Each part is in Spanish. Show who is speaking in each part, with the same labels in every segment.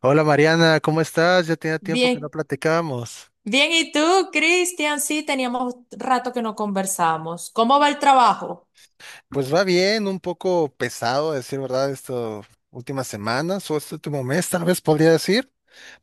Speaker 1: Hola Mariana, ¿cómo estás? Ya tenía tiempo que no
Speaker 2: Bien,
Speaker 1: platicábamos.
Speaker 2: bien, ¿y tú, Cristian? Sí, teníamos rato que no conversábamos. ¿Cómo va el trabajo?
Speaker 1: Pues va bien, un poco pesado, a decir verdad, estas últimas semanas o este último mes, tal vez podría decir,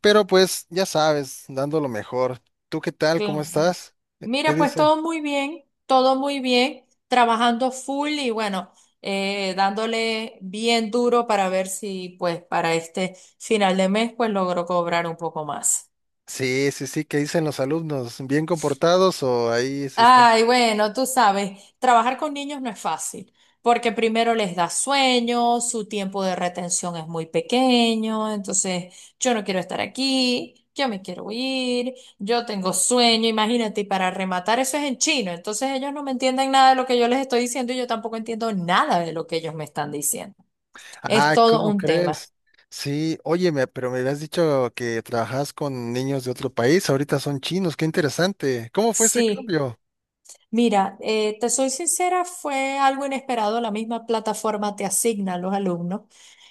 Speaker 1: pero pues ya sabes, dando lo mejor. ¿Tú qué tal? ¿Cómo
Speaker 2: Claro.
Speaker 1: estás? ¿Qué
Speaker 2: Mira, pues
Speaker 1: dice?
Speaker 2: todo muy bien, trabajando full y bueno, dándole bien duro para ver si pues para este final de mes pues logro cobrar un poco más.
Speaker 1: Sí, sí, sí, ¿qué dicen los alumnos? ¿Bien comportados o ahí se están?
Speaker 2: Ay, bueno, tú sabes, trabajar con niños no es fácil, porque primero les da sueño, su tiempo de retención es muy pequeño, entonces yo no quiero estar aquí, yo me quiero ir, yo tengo sueño, imagínate, y para rematar eso es en chino, entonces ellos no me entienden nada de lo que yo les estoy diciendo y yo tampoco entiendo nada de lo que ellos me están diciendo. Es
Speaker 1: Ah,
Speaker 2: todo
Speaker 1: ¿cómo
Speaker 2: un tema.
Speaker 1: crees? Sí, oye, pero me habías dicho que trabajas con niños de otro país, ahorita son chinos, qué interesante. ¿Cómo fue ese
Speaker 2: Sí.
Speaker 1: cambio?
Speaker 2: Mira, te soy sincera, fue algo inesperado. La misma plataforma te asigna a los alumnos.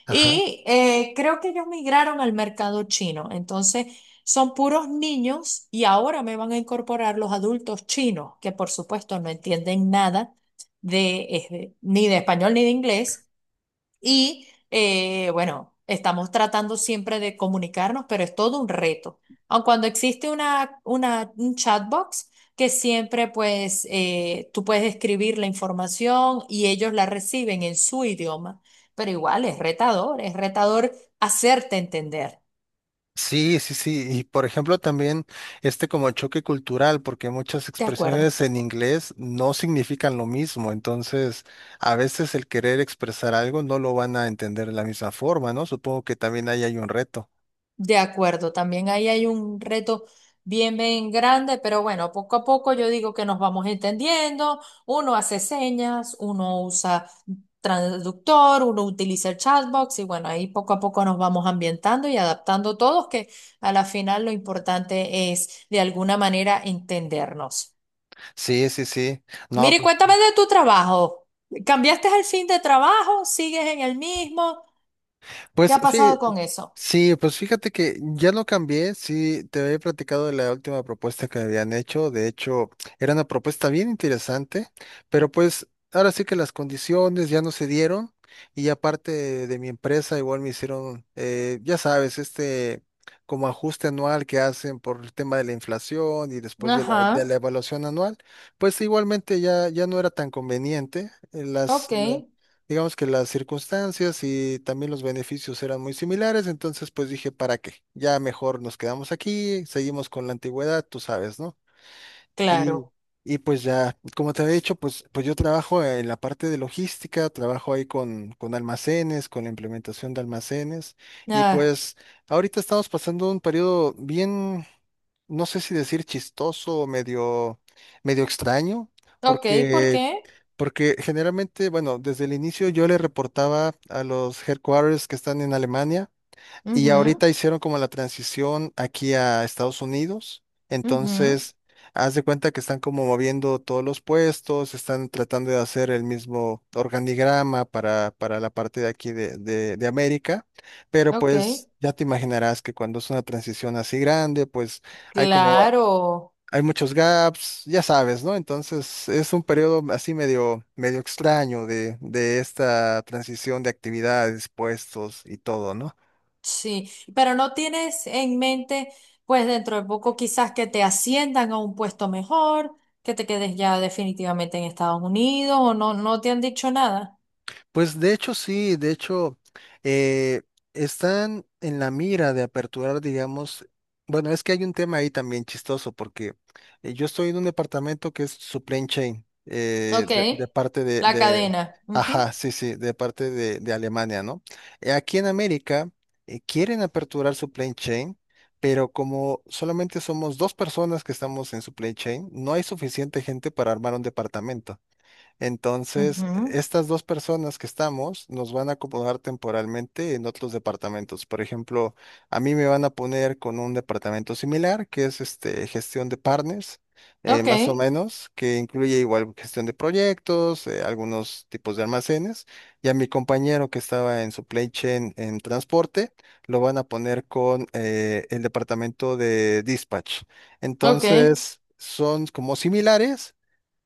Speaker 2: Y creo que ellos migraron al mercado chino. Entonces, son puros niños y ahora me van a incorporar los adultos chinos, que por supuesto no entienden nada de, ni de español ni de inglés. Y bueno, estamos tratando siempre de comunicarnos, pero es todo un reto. Aun cuando existe un chatbox que siempre pues tú puedes escribir la información y ellos la reciben en su idioma, pero igual es retador hacerte entender.
Speaker 1: Sí, sí, sí. Y por ejemplo, también este como choque cultural, porque muchas
Speaker 2: De acuerdo.
Speaker 1: expresiones en inglés no significan lo mismo. Entonces, a veces el querer expresar algo no lo van a entender de la misma forma, ¿no? Supongo que también ahí hay un reto.
Speaker 2: De acuerdo, también ahí hay un reto bien, bien grande, pero bueno, poco a poco yo digo que nos vamos entendiendo, uno hace señas, uno usa traductor, uno utiliza el chatbox y bueno, ahí poco a poco nos vamos ambientando y adaptando todos, que a la final lo importante es de alguna manera entendernos.
Speaker 1: Sí, sí, sí. No,
Speaker 2: Mire,
Speaker 1: pues,
Speaker 2: cuéntame de tu trabajo. ¿Cambiaste el fin de trabajo? ¿Sigues en el mismo? ¿Qué
Speaker 1: pues
Speaker 2: ha
Speaker 1: fí-
Speaker 2: pasado con eso?
Speaker 1: sí, pues fíjate que ya lo cambié, sí, te había platicado de la última propuesta que me habían hecho, de hecho era una propuesta bien interesante, pero pues ahora sí que las condiciones ya no se dieron y aparte de mi empresa igual me hicieron, ya sabes, este como ajuste anual que hacen por el tema de la inflación y después de la,
Speaker 2: Ajá,
Speaker 1: de la evaluación anual, pues igualmente ya, ya no era tan conveniente,
Speaker 2: ok,
Speaker 1: digamos que las circunstancias y también los beneficios eran muy similares, entonces pues dije, ¿para qué? Ya mejor nos quedamos aquí, seguimos con la antigüedad, tú sabes, ¿no? Y,
Speaker 2: claro.
Speaker 1: y pues ya, como te había dicho, pues yo trabajo en la parte de logística, trabajo ahí con almacenes, con la implementación de almacenes, y
Speaker 2: Ah,
Speaker 1: pues ahorita estamos pasando un periodo bien, no sé si decir chistoso o medio extraño,
Speaker 2: ok, ¿por
Speaker 1: porque,
Speaker 2: qué?
Speaker 1: porque generalmente, bueno, desde el inicio yo le reportaba a los headquarters que están en Alemania. Y
Speaker 2: Ujú,
Speaker 1: ahorita hicieron como la transición aquí a Estados Unidos.
Speaker 2: ujú,
Speaker 1: Entonces, haz de cuenta que están como moviendo todos los puestos, están tratando de hacer el mismo organigrama para la parte de aquí de América. Pero
Speaker 2: ok,
Speaker 1: pues ya te imaginarás que cuando es una transición así grande, pues hay como,
Speaker 2: claro,
Speaker 1: hay muchos gaps, ya sabes, ¿no? Entonces, es un periodo así medio extraño de esta transición de actividades, puestos y todo, ¿no?
Speaker 2: sí, pero no tienes en mente, pues dentro de poco quizás que te asciendan a un puesto mejor, que te quedes ya definitivamente en Estados Unidos o no, no te han dicho nada.
Speaker 1: Pues de hecho sí, de hecho eh, están en la mira de aperturar, digamos, bueno, es que hay un tema ahí también chistoso porque yo estoy en un departamento que es supply chain
Speaker 2: Ok,
Speaker 1: de,
Speaker 2: la cadena.
Speaker 1: ajá,
Speaker 2: Ujú,
Speaker 1: sí, sí, de parte de Alemania, ¿no? Aquí en América quieren aperturar supply chain, pero como solamente somos dos personas que estamos en supply chain, no hay suficiente gente para armar un departamento. Entonces,
Speaker 2: ujú,
Speaker 1: estas dos personas que estamos nos van a acomodar temporalmente en otros departamentos. Por ejemplo, a mí me van a poner con un departamento similar, que es este, gestión de partners,
Speaker 2: ok,
Speaker 1: más o menos, que incluye igual gestión de proyectos, algunos tipos de almacenes. Y a mi compañero que estaba en supply chain en transporte, lo van a poner con el departamento de dispatch.
Speaker 2: ok.
Speaker 1: Entonces, son como similares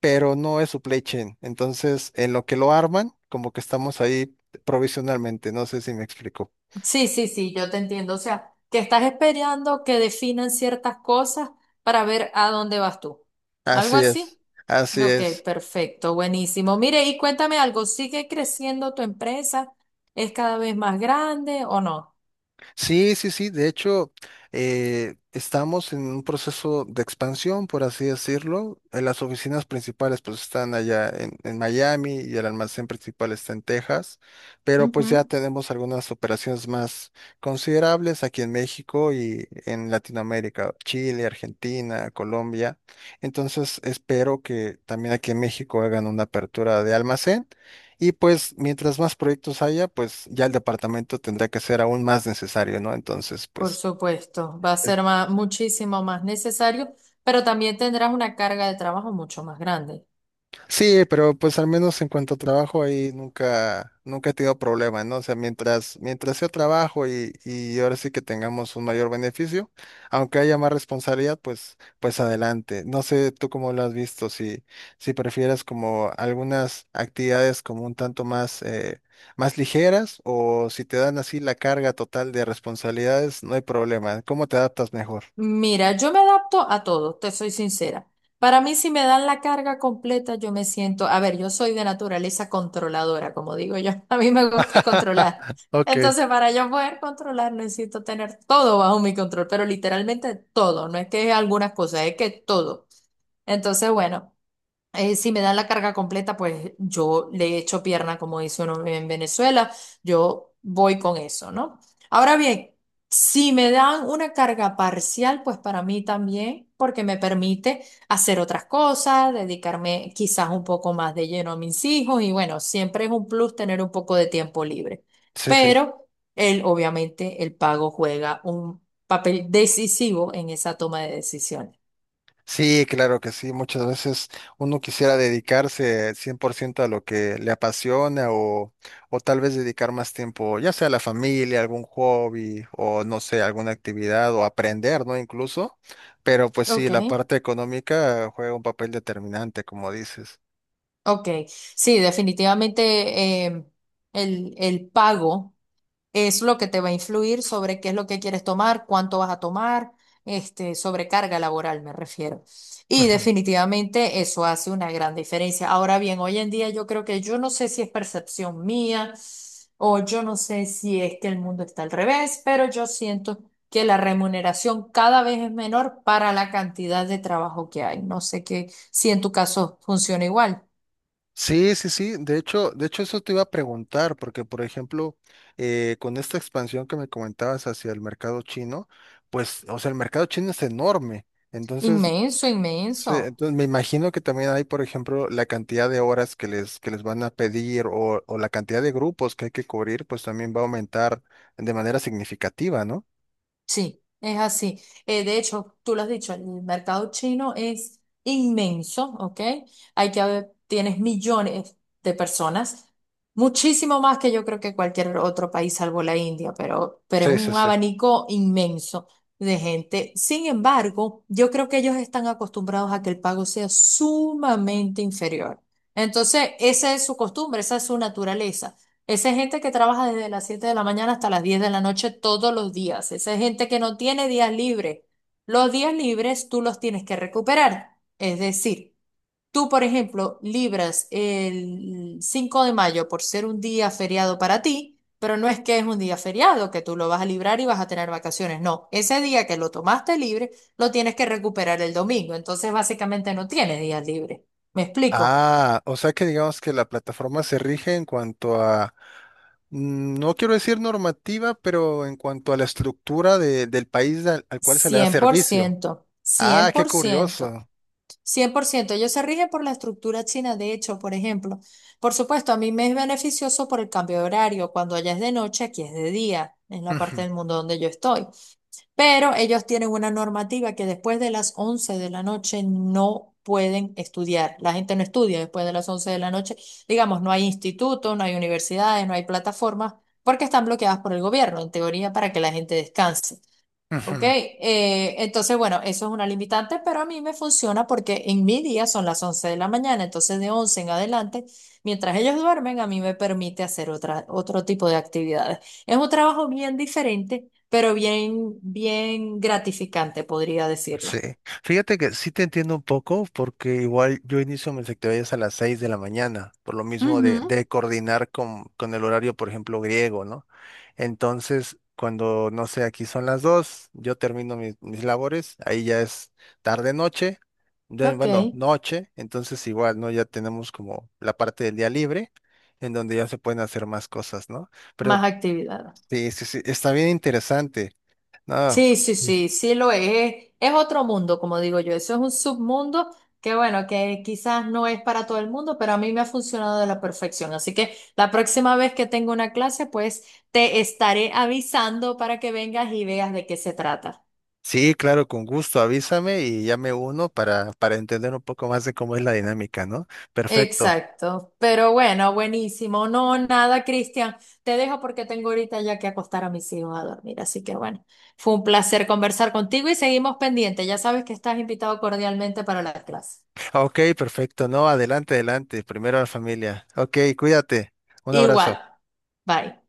Speaker 1: pero no es supply chain. Entonces, en lo que lo arman, como que estamos ahí provisionalmente, no sé si me explico.
Speaker 2: Sí, sí, sí, yo te entiendo. O sea, que estás esperando que definan ciertas cosas para ver a dónde vas tú. ¿Algo
Speaker 1: Así es,
Speaker 2: así?
Speaker 1: así
Speaker 2: Ok,
Speaker 1: es.
Speaker 2: perfecto, buenísimo. Mire, y cuéntame algo, ¿sigue creciendo tu empresa? ¿Es cada vez más grande o no?
Speaker 1: Sí, sí, sí. De hecho, estamos en un proceso de expansión, por así decirlo. Las oficinas principales pues están allá en Miami y el almacén principal está en Texas, pero pues
Speaker 2: Ujú.
Speaker 1: ya tenemos algunas operaciones más considerables aquí en México y en Latinoamérica, Chile, Argentina, Colombia. Entonces, espero que también aquí en México hagan una apertura de almacén. Y pues mientras más proyectos haya, pues ya el departamento tendrá que ser aún más necesario, ¿no? Entonces,
Speaker 2: Por supuesto, va a
Speaker 1: es-
Speaker 2: ser muchísimo más necesario, pero también tendrás una carga de trabajo mucho más grande.
Speaker 1: sí, pero pues al menos en cuanto a trabajo ahí nunca, nunca he tenido problema, ¿no? O sea, mientras yo trabajo y ahora sí que tengamos un mayor beneficio, aunque haya más responsabilidad, pues, pues adelante. No sé tú cómo lo has visto, si prefieres como algunas actividades como un tanto más, más ligeras o si te dan así la carga total de responsabilidades, no hay problema. ¿Cómo te adaptas mejor?
Speaker 2: Mira, yo me adapto a todo, te soy sincera. Para mí, si me dan la carga completa, yo me siento, a ver, yo soy de naturaleza controladora, como digo yo, a mí me gusta controlar.
Speaker 1: Ok.
Speaker 2: Entonces, para yo poder controlar, necesito tener todo bajo mi control, pero literalmente todo, no es que algunas cosas, es que todo. Entonces, bueno si me dan la carga completa, pues yo le echo pierna, como dice uno en Venezuela, yo voy con eso, ¿no? Ahora bien, si me dan una carga parcial, pues para mí también, porque me permite hacer otras cosas, dedicarme quizás un poco más de lleno a mis hijos y bueno, siempre es un plus tener un poco de tiempo libre.
Speaker 1: Sí, sí.
Speaker 2: Pero él, obviamente, el pago juega un papel decisivo en esa toma de decisiones.
Speaker 1: Sí, claro que sí. Muchas veces uno quisiera dedicarse 100% a lo que le apasiona o tal vez dedicar más tiempo, ya sea a la familia, algún hobby o no sé, alguna actividad o aprender, ¿no? Incluso. Pero pues sí,
Speaker 2: Ok.
Speaker 1: la parte económica juega un papel determinante, como dices.
Speaker 2: Ok, sí, definitivamente el pago es lo que te va a influir sobre qué es lo que quieres tomar, cuánto vas a tomar, este, sobrecarga laboral me refiero. Y
Speaker 1: Ujú.
Speaker 2: definitivamente eso hace una gran diferencia. Ahora bien, hoy en día yo creo que yo no sé si es percepción mía o yo no sé si es que el mundo está al revés, pero yo siento que la remuneración cada vez es menor para la cantidad de trabajo que hay. No sé qué, si en tu caso funciona igual.
Speaker 1: Sí, sí, sí. De hecho eso te iba a preguntar, porque por ejemplo, con esta expansión que me comentabas hacia el mercado chino, pues, o sea, el mercado chino es enorme. Entonces,
Speaker 2: Inmenso,
Speaker 1: sí,
Speaker 2: inmenso.
Speaker 1: entonces me imagino que también hay, por ejemplo, la cantidad de horas que les van a pedir o la cantidad de grupos que hay que cubrir, pues también va a aumentar de manera significativa, ¿no?
Speaker 2: Sí, es así. De hecho, tú lo has dicho, el mercado chino es inmenso, ¿ok? Hay que haber, tienes millones de personas, muchísimo más que yo creo que cualquier otro país salvo la India, pero es
Speaker 1: Sí, sí,
Speaker 2: un
Speaker 1: sí.
Speaker 2: abanico inmenso de gente. Sin embargo, yo creo que ellos están acostumbrados a que el pago sea sumamente inferior. Entonces, esa es su costumbre, esa es su naturaleza. Esa es gente que trabaja desde las 7 de la mañana hasta las 10 de la noche todos los días. Esa es gente que no tiene días libres. Los días libres tú los tienes que recuperar. Es decir, tú, por ejemplo, libras el 5 de mayo por ser un día feriado para ti, pero no es que es un día feriado, que tú lo vas a librar y vas a tener vacaciones. No, ese día que lo tomaste libre, lo tienes que recuperar el domingo. Entonces, básicamente no tienes días libres. ¿Me explico?
Speaker 1: Ah, o sea que digamos que la plataforma se rige en cuanto a, no quiero decir normativa, pero en cuanto a la estructura del país al cual se le da
Speaker 2: Cien por
Speaker 1: servicio.
Speaker 2: ciento,
Speaker 1: Ah,
Speaker 2: cien
Speaker 1: qué
Speaker 2: por ciento.
Speaker 1: curioso.
Speaker 2: 100% ellos se rigen por la estructura china, de hecho, por ejemplo. Por supuesto, a mí me es beneficioso por el cambio de horario. Cuando allá es de noche, aquí es de día, en la parte
Speaker 1: Ujú,
Speaker 2: del mundo donde yo estoy. Pero ellos tienen una normativa que después de las 11 de la noche no pueden estudiar. La gente no estudia después de las 11 de la noche. Digamos, no hay institutos, no hay universidades, no hay plataformas, porque están bloqueadas por el gobierno, en teoría, para que la gente descanse. Ok,
Speaker 1: ujú.
Speaker 2: entonces bueno, eso es una limitante, pero a mí me funciona porque en mi día son las 11 de la mañana, entonces de 11 en adelante, mientras ellos duermen, a mí me permite hacer otro tipo de actividades. Es un trabajo bien diferente, pero bien, bien gratificante, podría
Speaker 1: Sí,
Speaker 2: decirlo.
Speaker 1: fíjate que sí te entiendo un poco porque igual yo inicio mis actividades a las 6 de la mañana, por lo mismo de,
Speaker 2: Ujú,
Speaker 1: de coordinar con el horario, por ejemplo, griego, ¿no? Entonces, cuando, no sé, aquí son las 2 yo termino mis labores, ahí ya es tarde noche, ya,
Speaker 2: ok,
Speaker 1: bueno, noche, entonces igual, ¿no? Ya tenemos como la parte del día libre en donde ya se pueden hacer más cosas, ¿no?
Speaker 2: más
Speaker 1: Pero
Speaker 2: actividades.
Speaker 1: sí, sí, sí, está bien interesante, ¿no?
Speaker 2: Sí, sí, sí, sí lo es. Es otro mundo, como digo yo. Eso es un submundo que, bueno, que quizás no es para todo el mundo, pero a mí me ha funcionado de la perfección. Así que la próxima vez que tenga una clase, pues te estaré avisando para que vengas y veas de qué se trata.
Speaker 1: Sí, claro, con gusto, avísame y ya me uno para entender un poco más de cómo es la dinámica, ¿no? Perfecto.
Speaker 2: Exacto. Pero bueno, buenísimo. No, nada, Cristian. Te dejo porque tengo ahorita ya que acostar a mis hijos a dormir. Así que bueno, fue un placer conversar contigo y seguimos pendientes. Ya sabes que estás invitado cordialmente para la clase.
Speaker 1: Ok, perfecto. No, adelante, adelante. Primero la familia. Ok, cuídate. Un
Speaker 2: Igual.
Speaker 1: abrazo.
Speaker 2: Bye.